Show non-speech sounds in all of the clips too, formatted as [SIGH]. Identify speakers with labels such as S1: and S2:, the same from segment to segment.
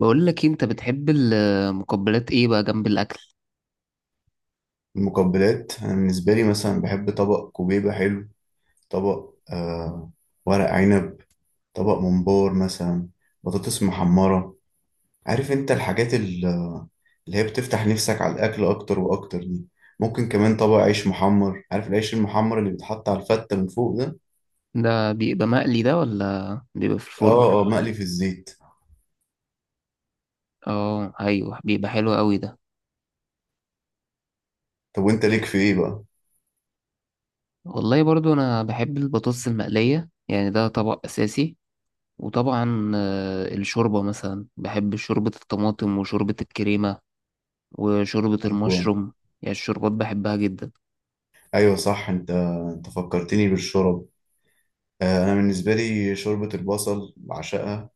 S1: بقول لك إيه، انت بتحب المقبلات ايه بقى جنب الاكل؟
S2: المقبلات، أنا بالنسبة لي مثلا بحب طبق كوبيبة حلو. طبق ورق عنب. طبق ممبار مثلا. بطاطس محمرة. عارف انت الحاجات اللي هي بتفتح نفسك على الأكل أكتر وأكتر دي. ممكن كمان طبق عيش محمر، عارف العيش المحمر اللي بيتحط على الفتة من فوق ده.
S1: ده بيبقى مقلي ده ولا بيبقى في الفرن؟
S2: اه، اه، مقلي في الزيت.
S1: اه ايوه، بيبقى حلو قوي ده.
S2: طب وانت ليك في ايه بقى؟
S1: والله برضو انا بحب البطاطس المقليه، يعني ده طبق اساسي. وطبعا الشوربه مثلا، بحب شوربه الطماطم وشوربه الكريمه وشوربه
S2: أيوة،
S1: المشروم. يعني الشوربات بحبها جدا.
S2: أيوة. صح انت فكرتني بالشرب. انا بالنسبة لي شوربة البصل بعشقها.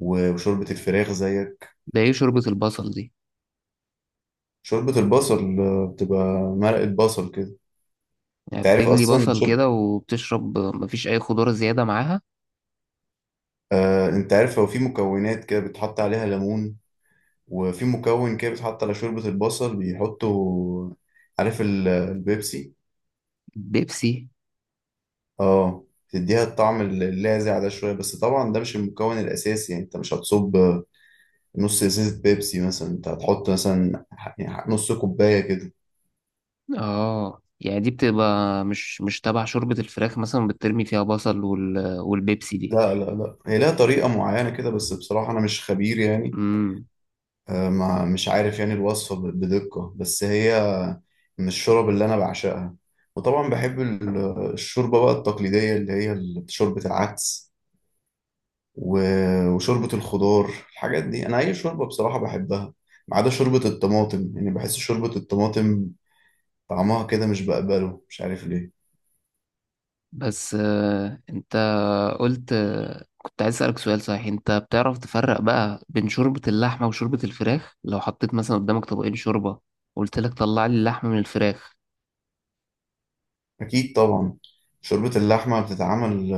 S2: وشوربة الفراخ زيك.
S1: ده ايه شوربه البصل دي؟
S2: شوربة البصل، بتبقى مرقة بصل كده.
S1: يعني
S2: انت عارف
S1: بتجلي
S2: اصلا
S1: بصل
S2: شرب.
S1: كده وبتشرب، مفيش اي خضار زياده معاها؟
S2: انت عارف هو في مكونات كده بتحط عليها ليمون، وفي مكون كده بيتحط على شوربة البصل، بيحطوا، عارف البيبسي.
S1: بيبسي؟
S2: اه، تديها الطعم اللاذع ده شوية. بس طبعا ده مش المكون الأساسي، يعني انت مش هتصب نص ازازة بيبسي مثلا. انت هتحط مثلا يعني نص كوباية كده.
S1: اه، يعني دي بتبقى مش تبع شوربة الفراخ مثلا، بترمي فيها بصل والبيبسي دي؟
S2: لا، لا، لا، هي لها طريقة معينة كده. بس بصراحة أنا مش خبير يعني.
S1: امم
S2: ما مش عارف يعني الوصفة بدقة. بس هي من الشرب اللي أنا بعشقها. وطبعا بحب الشوربة بقى التقليدية، اللي هي شوربة العدس وشوربة الخضار. الحاجات دي أنا أي شوربة بصراحة بحبها، ما عدا شوربة الطماطم. يعني بحس شوربة الطماطم طعمها كده مش بقبله، مش عارف ليه.
S1: بس انت قلت، كنت عايز اسألك سؤال. صحيح انت بتعرف تفرق بقى بين شوربة اللحمة وشوربة الفراخ؟ لو حطيت مثلا قدامك طبقين شوربة، قلت لك طلع لي اللحمة من الفراخ.
S2: أكيد طبعا. شوربة اللحمة بتتعمل،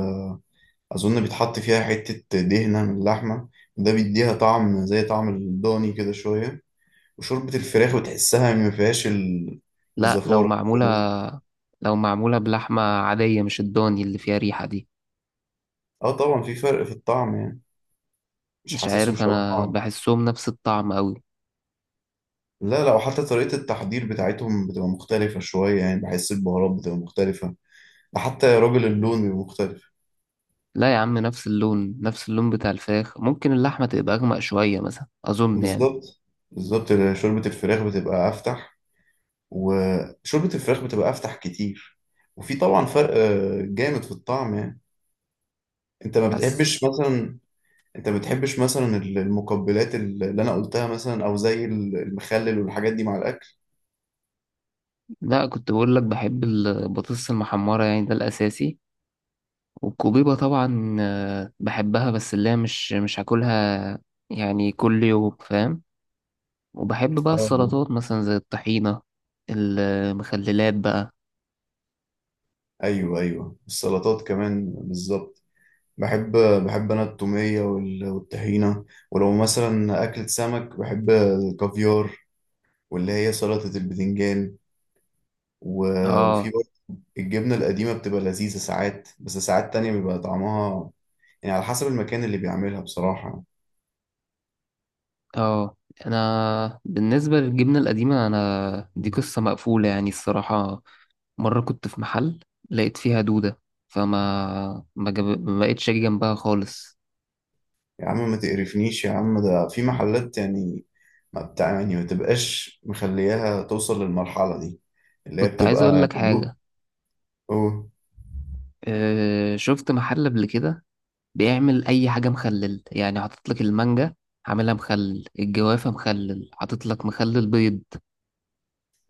S2: أظن بيتحط فيها حتة دهنة من اللحمة، ده بيديها طعم زي طعم الضاني كده شوية. وشوربة الفراخ بتحسها ما فيهاش
S1: لا
S2: الزفارة
S1: لو
S2: اللي في
S1: معمولة،
S2: الرز.
S1: لو معمولة بلحمة عادية مش الضاني اللي فيها ريحة دي.
S2: اه طبعا في فرق في الطعم يعني، مش
S1: مش
S2: حاسسهم
S1: عارف،
S2: شبه
S1: انا
S2: بعض.
S1: بحسهم نفس الطعم قوي.
S2: لا، لا، وحتى طريقة التحضير بتاعتهم بتبقى مختلفة شوية. يعني بحس البهارات بتبقى مختلفة، ده حتى يا راجل اللون بيبقى مختلف.
S1: لا يا عم، نفس اللون، نفس اللون بتاع الفراخ. ممكن اللحمة تبقى أغمق شوية مثلا، أظن يعني.
S2: بالظبط، بالظبط. شوربة الفراخ بتبقى أفتح، وشوربة الفراخ بتبقى أفتح كتير. وفي طبعا فرق جامد في الطعم يعني. انت ما
S1: حاسس.
S2: بتحبش مثلا انت ما بتحبش مثلا المقبلات اللي انا قلتها مثلا، او زي المخلل والحاجات دي مع الاكل.
S1: لا كنت بقول لك بحب البطاطس المحمرة، يعني ده الأساسي. والكوبيبة طبعا بحبها، بس اللي هي مش هاكلها يعني كل يوم، فاهم. وبحب بقى
S2: اه،
S1: السلطات مثلا زي الطحينة، المخللات بقى.
S2: ايوه، ايوه، السلطات كمان بالظبط. بحب بحب انا التوميه والطحينه. ولو مثلا اكلة سمك بحب الكافيار، واللي هي سلطه البتنجان. وفي
S1: اه
S2: برضه الجبنه القديمه بتبقى لذيذه ساعات، بس ساعات تانية بيبقى طعمها، يعني على حسب المكان اللي بيعملها بصراحه.
S1: اه. انا بالنسبة للجبنة القديمة، انا دي قصة مقفولة يعني الصراحة. مرة كنت في محل، لقيت فيها دودة. فما ما, جاب... ما بقتش أجي جنبها خالص.
S2: يا عم ما تقرفنيش يا عم، ده في محلات يعني، ما بتاع يعني ما تبقاش مخلياها توصل للمرحلة دي، اللي هي
S1: كنت عايز أقول
S2: بتبقى
S1: لك
S2: دوب.
S1: حاجة.
S2: أوه.
S1: شفت محل قبل كده بيعمل أي حاجة مخلل، يعني حاطط لك المانجا عاملها مخلل، الجوافة مخلل، حاطط لك مخلل بيض.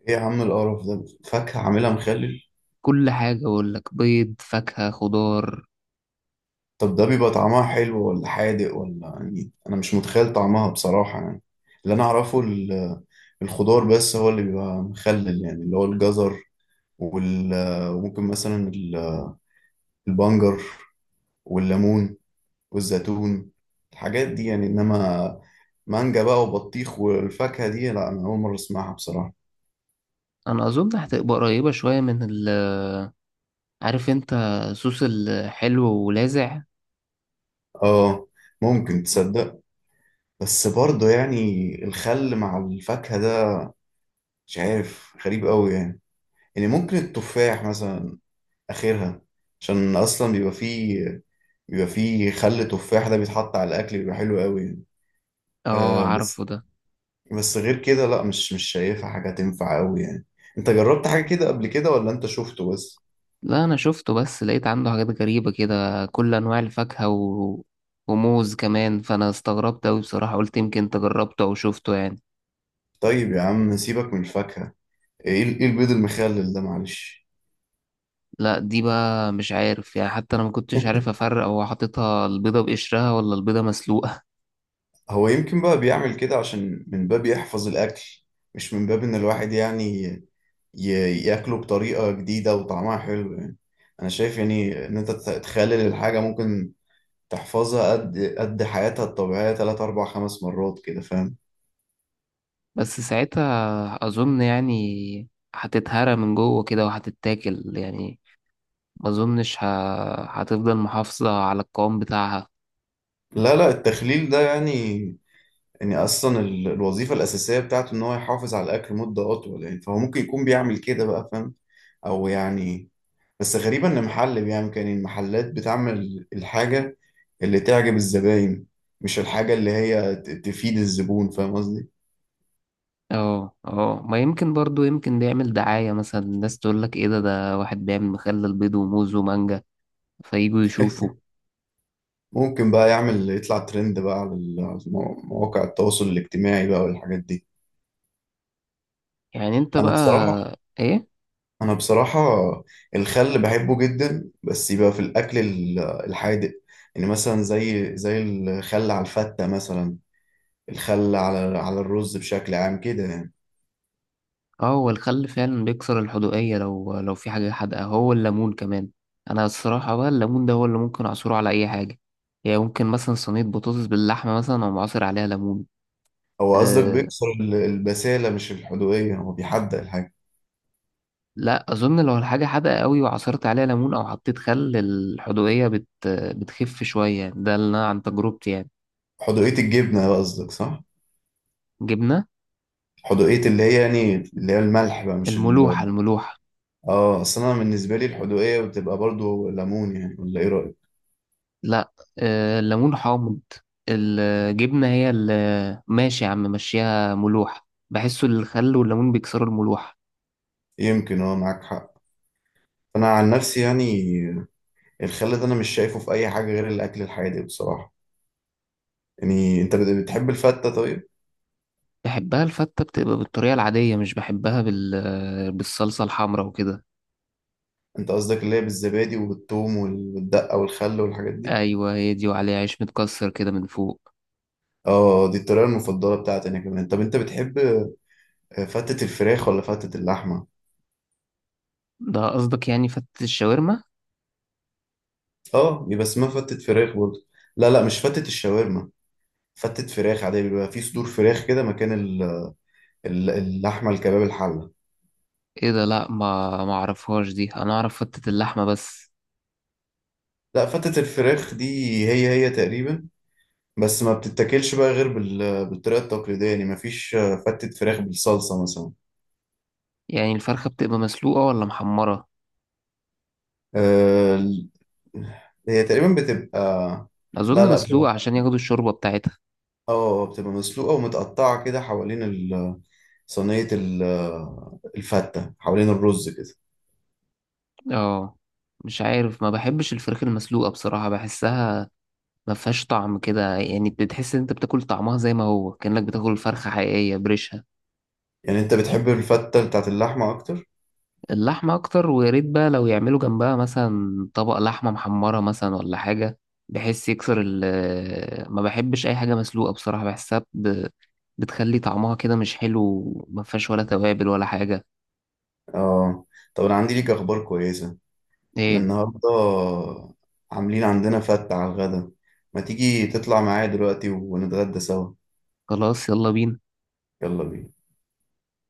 S2: ايه يا عم القرف ده، فاكهة عاملها مخلل؟
S1: كل حاجة أقول لك، بيض، فاكهة، خضار.
S2: طب ده بيبقى طعمها حلو ولا حادق ولا؟ يعني انا مش متخيل طعمها بصراحة يعني. اللي انا اعرفه الخضار بس هو اللي بيبقى مخلل، يعني اللي هو الجزر وممكن مثلا البنجر والليمون والزيتون، الحاجات دي يعني. انما مانجا بقى وبطيخ والفاكهة دي، لا، انا اول مرة اسمعها بصراحة.
S1: أنا أظن هتبقى قريبة شوية من عارف أنت، صوص الحلو ولاذع.
S2: اه، ممكن تصدق. بس برضه يعني الخل مع الفاكهة ده مش عارف، غريب قوي يعني. يعني ممكن التفاح مثلا اخرها، عشان اصلا بيبقى فيه، بيبقى فيه خل تفاح، ده بيتحط على الاكل بيبقى حلو قوي يعني.
S1: اه
S2: آه
S1: عارفه
S2: بس
S1: ده.
S2: بس غير كده لا، مش شايفها حاجة تنفع قوي يعني. انت جربت حاجة كده قبل كده، ولا انت شفته بس؟
S1: لا انا شفته بس، لقيت عنده حاجات غريبة كده، كل انواع الفاكهة وموز كمان، فانا استغربت اوي بصراحة. قلت يمكن انت جربته او شفته يعني.
S2: طيب يا عم سيبك من الفاكهة، ايه إيه البيض المخلل ده، معلش؟
S1: لا دي بقى مش عارف يعني، حتى انا ما كنتش عارف
S2: [LAUGHS]
S1: افرق هو حاططها البيضة بقشرها ولا البيضة مسلوقة.
S2: هو يمكن بقى بيعمل كده عشان من باب يحفظ الأكل، مش من باب إن الواحد يعني ياكله بطريقة جديدة وطعمها حلو يعني. أنا شايف يعني إن أنت تخلل الحاجة، ممكن تحفظها قد حياتها الطبيعية تلات أربع خمس مرات كده، فاهم؟
S1: [LAUGHS] بس ساعتها اظن يعني هتتهرى من جوه كده وهتتاكل يعني، ما اظنش ه... هتفضل محافظة على القوام بتاعها.
S2: لا، لا، التخليل ده يعني، يعني أصلا الوظيفة الأساسية بتاعته إن هو يحافظ على الأكل مدة أطول، يعني فهو ممكن يكون بيعمل كده بقى، فاهم؟ أو يعني بس غريبة إن محل بيعمل كده، يعني المحلات بتعمل الحاجة اللي تعجب الزباين، مش الحاجة اللي هي تفيد الزبون، فاهم قصدي؟
S1: اه اه. ما يمكن برضو، يمكن ده يعمل دعاية مثلا، الناس تقول لك ايه ده، ده واحد بيعمل مخلل بيض وموز ومانجا، فيجوا يشوفوا.
S2: [LAUGHS] ممكن بقى يعمل يطلع ترند بقى على على مواقع التواصل الاجتماعي بقى والحاجات دي.
S1: يعني انت
S2: أنا
S1: بقى؟
S2: بصراحة
S1: ايه؟
S2: أنا بصراحة الخل بحبه جدا، بس يبقى في الأكل الحادق. يعني مثلا زي الخل على الفتة مثلا، الخل على الرز بشكل عام كده يعني.
S1: اه هو الخل فعلا بيكسر الحدوقية لو في حاجة حادقة، هو الليمون كمان. انا الصراحة بقى الليمون ده هو اللي ممكن اعصره على اي حاجة، يعني ممكن مثلا صينية بطاطس باللحمة مثلا، او عصر عليها ليمون.
S2: هو قصدك
S1: أه.
S2: بيكسر البسالة مش الحدوقية، هو بيحدق الحاجة.
S1: لا اظن لو الحاجة حادقة قوي وعصرت عليها ليمون او حطيت خل، الحدوقية بتخف شوية، ده اللي انا عن تجربتي يعني.
S2: حدوقية الجبنة بقى قصدك صح؟
S1: جبنة.
S2: حدوقية اللي هي يعني اللي هي الملح بقى، مش ال.
S1: الملوحة، الملوحة.
S2: اه أصل أنا بالنسبة لي الحدوقية بتبقى برضو ليمون يعني، ولا إيه رأيك؟
S1: لا الليمون حامض، الجبنة هي اللي، ماشي يا عم مشيها ملوحة، بحسه الخل والليمون بيكسروا الملوحة.
S2: يمكن اه معاك حق. أنا عن نفسي يعني، الخل ده أنا مش شايفه في أي حاجة غير الأكل الحادق بصراحة. يعني أنت بتحب الفتة طيب؟
S1: بحبها الفتة، بتبقى بالطريقة العادية، مش بحبها بالصلصة الحمراء وكده.
S2: أنت قصدك اللي هي بالزبادي وبالثوم والدقة والخل والحاجات دي؟
S1: أيوة هي دي، وعليها عيش متكسر كده من فوق.
S2: اه دي الطريقة المفضلة بتاعتي أنا كمان. طب أنت بتحب فتة الفراخ ولا فتة اللحمة؟
S1: ده قصدك يعني فتة الشاورما؟
S2: اه بيبقى اسمها فتة فراخ برضه. لا، لا، مش فتة الشاورما. فتة فراخ عادية، بيبقى في صدور فراخ كده مكان اللحمة الكباب الحلة.
S1: ايه ده؟ لا ما اعرفهاش دي، انا اعرف فتة اللحمة بس.
S2: لا، فتة الفراخ دي، هي تقريبا. بس ما بتتاكلش بقى غير بالطريقة التقليدية يعني، ما فيش فتة فراخ بالصلصة مثلا.
S1: يعني الفرخة بتبقى مسلوقة ولا محمرة؟
S2: آه، ال- هي تقريبا بتبقى. لا،
S1: أظن
S2: لا،
S1: مسلوقة عشان ياخدوا الشوربة بتاعتها.
S2: اه، بتبقى مسلوقة ومتقطعة كده حوالين صينية الفتة، حوالين الرز كده.
S1: اه. مش عارف، ما بحبش الفراخ المسلوقة بصراحة، بحسها ما فيهاش طعم كده يعني، بتحس ان انت بتاكل طعمها زي ما هو، كأنك بتاكل فرخة حقيقية بريشها.
S2: يعني انت بتحب الفتة بتاعت اللحمة اكتر.
S1: اللحمة اكتر، ويا ريت بقى لو يعملوا جنبها مثلا طبق لحمة محمرة مثلا ولا حاجة. بحس يكسر ال ما بحبش اي حاجة مسلوقة بصراحة، بتخلي طعمها كده مش حلو، ما فيهاش ولا توابل ولا حاجة.
S2: اه طب انا عندي ليك اخبار كويسة. احنا
S1: ايه؟
S2: النهاردة عاملين عندنا فتة على الغدا، ما تيجي تطلع معايا دلوقتي ونتغدى سوا؟
S1: خلاص يلا بينا.
S2: يلا بينا.